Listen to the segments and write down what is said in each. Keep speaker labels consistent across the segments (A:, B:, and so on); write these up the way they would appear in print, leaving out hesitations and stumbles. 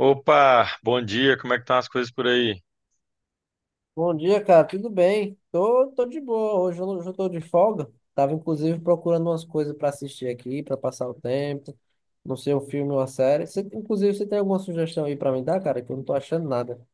A: Opa, bom dia, como é que estão as coisas por aí?
B: Bom dia, cara. Tudo bem? Tô de boa. Hoje eu tô de folga. Tava inclusive procurando umas coisas pra assistir aqui, pra passar o tempo. Não sei, um filme ou uma série. Inclusive, você tem alguma sugestão aí pra me dar, cara? Que eu não tô achando nada.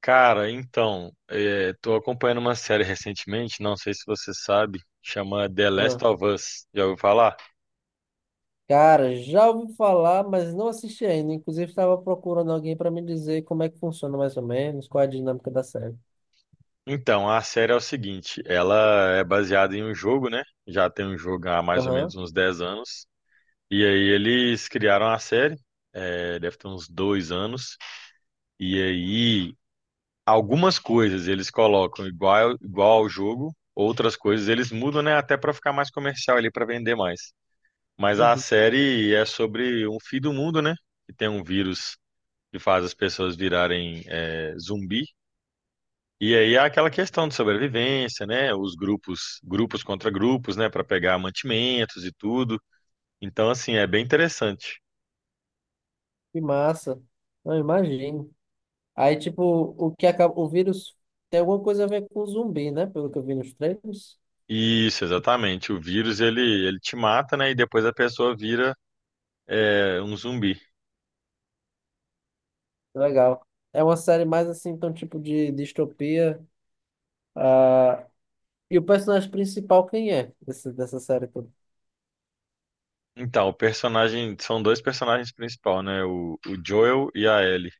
A: Cara, então, estou acompanhando uma série recentemente, não sei se você sabe, chama The Last
B: Ah,
A: of Us, já ouviu falar?
B: cara, já ouvi falar, mas não assisti ainda. Inclusive, tava procurando alguém pra me dizer como é que funciona mais ou menos, qual é a dinâmica da série.
A: Então, a série é o seguinte, ela é baseada em um jogo, né? Já tem um jogo há mais ou
B: Aham.
A: menos uns 10 anos, e aí eles criaram a série, deve ter uns dois anos, e aí algumas coisas eles colocam igual, igual ao jogo, outras coisas eles mudam, né? Até para ficar mais comercial ali, para vender mais. Mas a
B: Uhum.
A: série é sobre um fim do mundo, né? Que tem um vírus que faz as pessoas virarem zumbi. E aí é aquela questão de sobrevivência, né? Os grupos, grupos contra grupos, né? Para pegar mantimentos e tudo. Então, assim, é bem interessante.
B: Que massa. Não, imagino. Aí, tipo, o que acaba, o vírus tem alguma coisa a ver com zumbi, né? Pelo que eu vi nos trailers.
A: Isso, exatamente. O vírus ele te mata, né? E depois a pessoa vira um zumbi.
B: Legal. É uma série mais assim, então, tipo de distopia. ah E o personagem principal, quem é dessa série toda?
A: Então, o personagem são dois personagens principais, né? O Joel e a Ellie.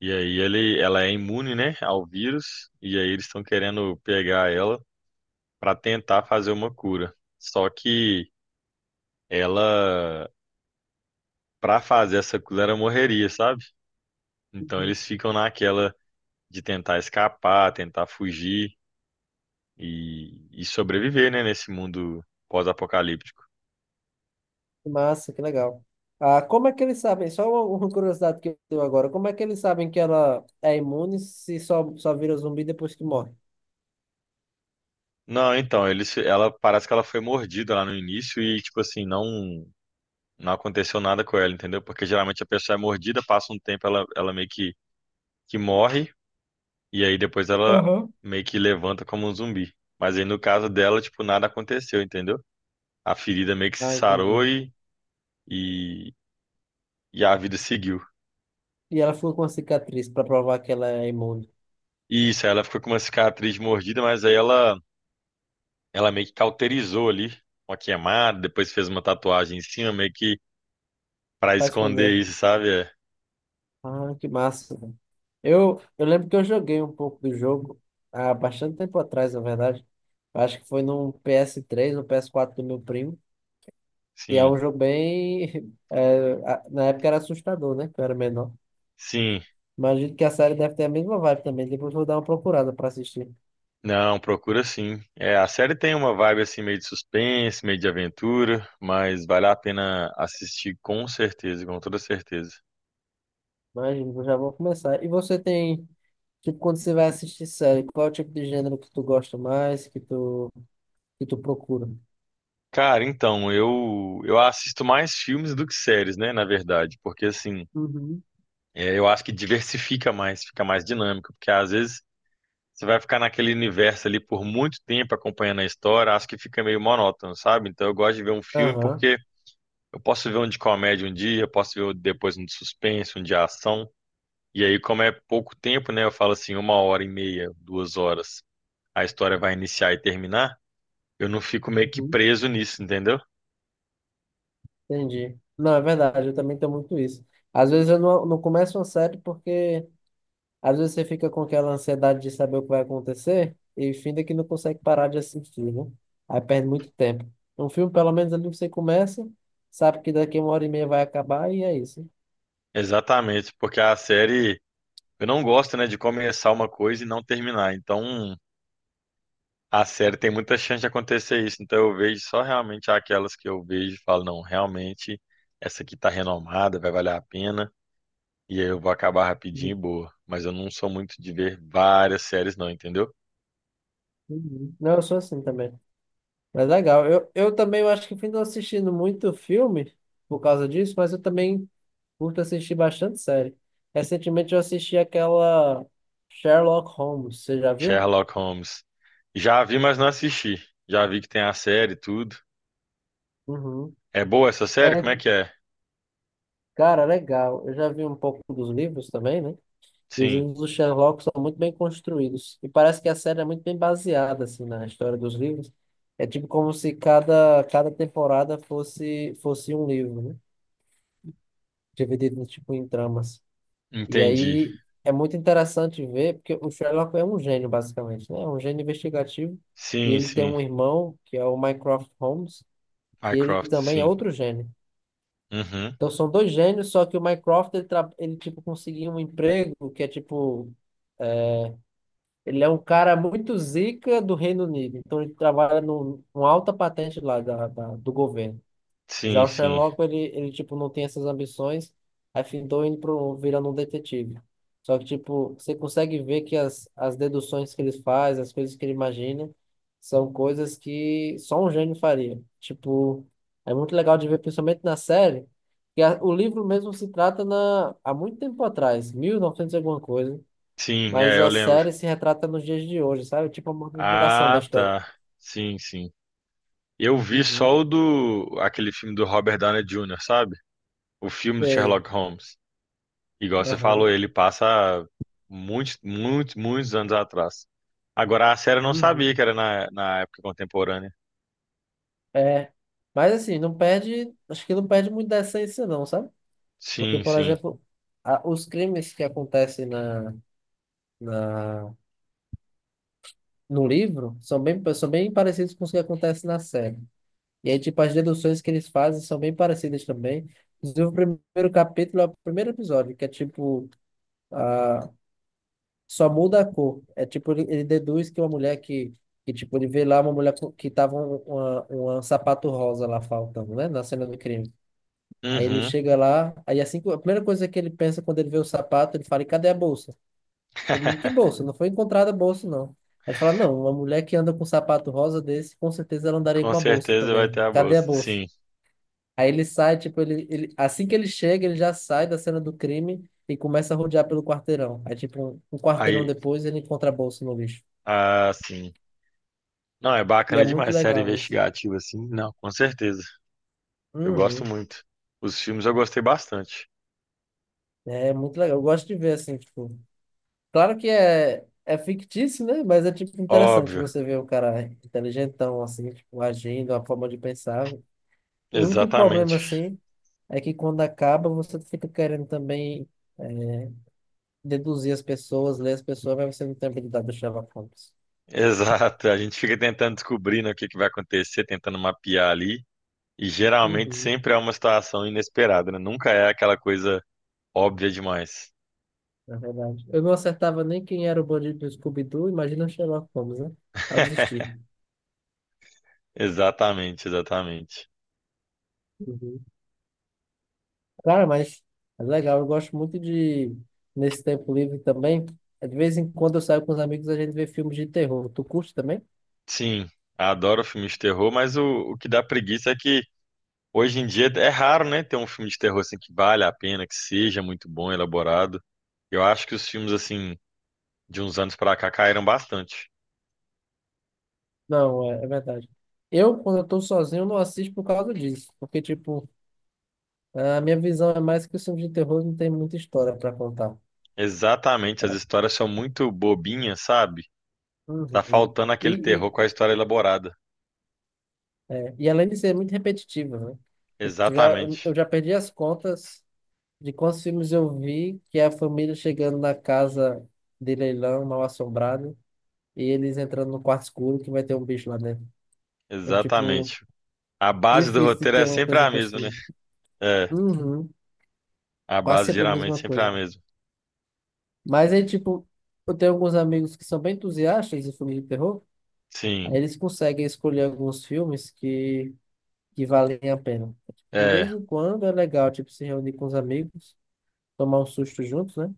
A: E aí ela é imune, né, ao vírus, e aí eles estão querendo pegar ela para tentar fazer uma cura. Só que ela, para fazer essa cura, ela morreria, sabe? Então
B: Uhum.
A: eles ficam naquela de tentar escapar, tentar fugir e sobreviver, né, nesse mundo pós-apocalíptico.
B: Que massa, que legal. Como é que eles sabem? Só uma curiosidade que eu tenho agora. Como é que eles sabem que ela é imune se só vira zumbi depois que morre?
A: Não, então, eles, ela parece que ela foi mordida lá no início e, tipo assim, não, não aconteceu nada com ela, entendeu? Porque geralmente a pessoa é mordida, passa um tempo, ela meio que morre. E aí depois ela
B: Aham.
A: meio que levanta como um zumbi. Mas aí no caso dela, tipo, nada aconteceu, entendeu? A ferida meio que se
B: Ah, entendi.
A: sarou e, e a vida seguiu.
B: E ela ficou com a cicatriz para provar que ela é imune.
A: E isso, aí ela ficou com uma cicatriz mordida, mas aí ela meio que cauterizou ali, uma queimada, depois fez uma tatuagem em cima, meio que pra
B: Vai
A: esconder
B: responder.
A: isso, sabe? É,
B: Ah, que massa. Eu lembro que eu joguei um pouco do jogo há bastante tempo atrás, na verdade. Eu acho que foi num ps três ou ps quatro do meu primo. E é
A: sim,
B: um jogo bem. É, na época era assustador, né? Que eu era menor.
A: sim.
B: Imagino que a série deve ter a mesma vibe também. Depois vou dar uma procurada pra assistir.
A: Não, procura sim. É, a série tem uma vibe assim meio de suspense, meio de aventura, mas vale a pena assistir com certeza, com toda certeza.
B: Imagino, eu já vou começar. E você tem. Tipo, quando você vai assistir série, qual é o tipo de gênero que tu gosta mais, que tu procura?
A: Cara, então, eu assisto mais filmes do que séries, né, na verdade, porque assim,
B: Uhum.
A: é, eu acho que diversifica mais, fica mais dinâmico, porque às vezes você vai ficar naquele universo ali por muito tempo acompanhando a história, acho que fica meio monótono, sabe? Então eu gosto de ver um filme
B: Aham.
A: porque eu posso ver um de comédia um dia, eu posso ver depois um de suspense, um de ação, e aí como é pouco tempo, né, eu falo assim, uma hora e meia, duas horas, a história vai iniciar e terminar, eu não fico meio que preso nisso, entendeu?
B: Entendi. Não, é verdade, eu também tenho muito isso. Às vezes eu não começo uma série porque às vezes você fica com aquela ansiedade de saber o que vai acontecer e finda que não consegue parar de assistir, né? Aí perde muito tempo. Um filme, pelo menos ali você começa, sabe que daqui uma hora e meia vai acabar e é isso.
A: Exatamente, porque a série eu não gosto, né, de começar uma coisa e não terminar. Então, a série tem muita chance de acontecer isso. Então, eu vejo só realmente aquelas que eu vejo e falo, não, realmente essa aqui tá renomada, vai valer a pena. E aí eu vou acabar rapidinho e boa. Mas eu não sou muito de ver várias séries, não, entendeu?
B: Uhum. Não, eu sou assim também. Mas legal. Eu também eu acho que fui não assistindo muito filme por causa disso, mas eu também curto assistir bastante série. Recentemente eu assisti aquela Sherlock Holmes, você já viu?
A: Sherlock Holmes. Já vi, mas não assisti. Já vi que tem a série e tudo.
B: Uhum.
A: É boa essa série?
B: É,
A: Como é que é?
B: cara, legal. Eu já vi um pouco dos livros também, né? E os
A: Sim,
B: livros do Sherlock são muito bem construídos. E parece que a série é muito bem baseada, assim, na história dos livros. É tipo como se cada temporada fosse um livro, né? Dividido, tipo, em tramas. E
A: entendi.
B: aí é muito interessante ver, porque o Sherlock é um gênio, basicamente, né? É um gênio investigativo. E
A: Sim,
B: ele tem
A: sim.
B: um irmão, que é o Mycroft Holmes, que ele
A: Mycroft,
B: também é
A: sim.
B: outro gênio.
A: Uhum.
B: Então são dois gênios, só que o Mycroft, ele tipo, conseguiu um emprego que é tipo. Ele é um cara muito zica do Reino Unido. Então ele trabalha numa alta patente lá do governo. Já
A: Sim,
B: o
A: sim.
B: Sherlock, ele tipo, não tem essas ambições, aí findou indo pro, virando um detetive. Só que, tipo, você consegue ver que as deduções que ele faz, as coisas que ele imagina, são coisas que só um gênio faria. Tipo, é muito legal de ver, principalmente na série, que o livro mesmo se trata na, há muito tempo atrás, 1900 e novecentos e alguma coisa,
A: Sim,
B: mas
A: é, eu
B: a
A: lembro.
B: série se retrata nos dias de hoje, sabe? Tipo, a modernização da
A: Ah,
B: história.
A: tá. Sim, sim. Eu vi
B: Uhum.
A: só o do aquele filme do Robert Downey Jr., sabe? O filme do
B: Sei.
A: Sherlock Holmes. Igual você falou,
B: Aham.
A: ele passa muitos, muitos, muitos anos atrás. Agora a série eu não
B: Uhum.
A: sabia que era na, na época contemporânea.
B: É. Mas assim, não perde. Acho que não perde muito da essência, não, sabe? Porque,
A: Sim,
B: por
A: sim.
B: exemplo, os crimes que acontecem na, no livro são bem parecidos com os que acontecem na série. E aí, tipo, as deduções que eles fazem são bem parecidas também. Inclusive, o primeiro capítulo é o primeiro episódio, que é tipo, ah, só muda a cor. É tipo, ele deduz que uma mulher tipo, ele vê lá uma mulher que tava uma sapato rosa lá faltando, né? Na cena do crime. Aí ele
A: Uhum.
B: chega lá, aí assim, a primeira coisa que ele pensa quando ele vê o sapato, ele fala, e cadê a bolsa? Todo mundo, que bolsa? Não foi encontrada a bolsa, não. Aí ele fala, não, uma mulher que anda com um sapato rosa desse, com certeza ela andaria
A: Com
B: com a bolsa
A: certeza vai ter
B: também.
A: a
B: Cadê a
A: bolsa.
B: bolsa?
A: Sim.
B: Aí ele sai, tipo, assim que ele chega, ele já sai da cena do crime e começa a rodear pelo quarteirão. Aí, tipo, um quarteirão
A: Aí,
B: depois, ele encontra a bolsa no lixo.
A: ah, sim. Não, é
B: E
A: bacana
B: é muito
A: demais série
B: legal isso.
A: investigativa assim. Não, com certeza. Eu gosto
B: Uhum.
A: muito. Os filmes eu gostei bastante.
B: É muito legal. Eu gosto de ver, assim, tipo, claro que é fictício, né? Mas é, tipo, interessante
A: Óbvio.
B: você ver um cara inteligentão, assim, tipo, agindo, a forma de pensar. O único problema,
A: Exatamente.
B: assim, é que quando acaba, você fica querendo também é, deduzir as pessoas, ler as pessoas, mas você não tem habilidade do Sherlock Holmes.
A: Exato. A gente fica tentando descobrir, né, o que que vai acontecer, tentando mapear ali. E geralmente
B: Uhum.
A: sempre é uma situação inesperada, né? Nunca é aquela coisa óbvia demais.
B: Na verdade, eu não acertava nem quem era o bandido do Scooby-Doo, imagina o Sherlock Holmes, né? Aí eu desisti.
A: Exatamente, exatamente.
B: Uhum. Cara, mas é legal, eu gosto muito de, nesse tempo livre também, de vez em quando eu saio com os amigos, a gente vê filmes de terror. Tu curte também?
A: Sim, adoro filme de terror, mas o que dá preguiça é que hoje em dia é raro, né, ter um filme de terror assim que vale a pena, que seja muito bom, elaborado. Eu acho que os filmes assim de uns anos pra cá caíram bastante.
B: Não, é verdade. Eu, quando eu tô sozinho, não assisto por causa disso, porque, tipo, a minha visão é mais que os filmes de terror não tem muita história para contar.
A: Exatamente, as
B: É.
A: histórias são muito bobinhas, sabe? Tá
B: Uhum.
A: faltando
B: E,
A: aquele
B: e,
A: terror com a história elaborada.
B: e além de ser muito repetitivo, né? Tipo, já, eu
A: Exatamente.
B: eu já perdi as contas de quantos filmes eu vi que é a família chegando na casa de leilão mal assombrada e eles entrando no quarto escuro que vai ter um bicho lá dentro. Então, tipo,
A: Exatamente. A base do
B: difícil de
A: roteiro é
B: ter uma
A: sempre
B: coisa
A: a mesma, né?
B: construída.
A: É,
B: Uhum.
A: a
B: Quase
A: base
B: sempre a
A: geralmente
B: mesma
A: sempre é a
B: coisa.
A: mesma.
B: Mas aí, tipo, eu tenho alguns amigos que são bem entusiastas de filmes de terror,
A: Sim,
B: aí eles conseguem escolher alguns filmes que valem a pena. Tipo, de vez
A: é.
B: em quando é legal, tipo, se reunir com os amigos, tomar um susto juntos, né?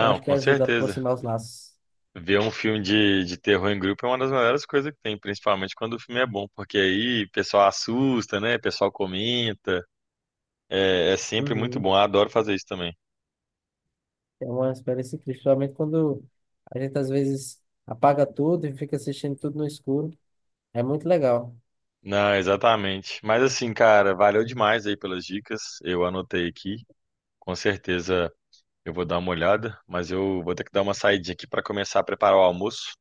B: Eu acho que
A: com
B: ajuda a
A: certeza.
B: aproximar os laços.
A: Ver um filme de terror em grupo é uma das melhores coisas que tem, principalmente quando o filme é bom, porque aí o pessoal assusta, né? O pessoal comenta. É, é sempre muito
B: Uhum.
A: bom. Eu adoro fazer isso também.
B: É uma experiência incrível, principalmente quando a gente às vezes apaga tudo e fica assistindo tudo no escuro. É muito legal.
A: Não, exatamente. Mas assim, cara, valeu demais aí pelas dicas. Eu anotei aqui. Com certeza eu vou dar uma olhada, mas eu vou ter que dar uma saidinha aqui para começar a preparar o almoço.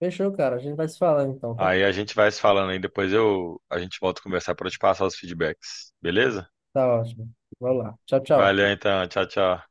B: Fechou, cara. A gente vai se falando então, tá?
A: Aí a gente vai se falando aí, depois eu a gente volta a conversar para eu te passar os feedbacks. Beleza?
B: Tá ótimo. Vamos lá. Tchau, tchau.
A: Valeu então, tchau, tchau.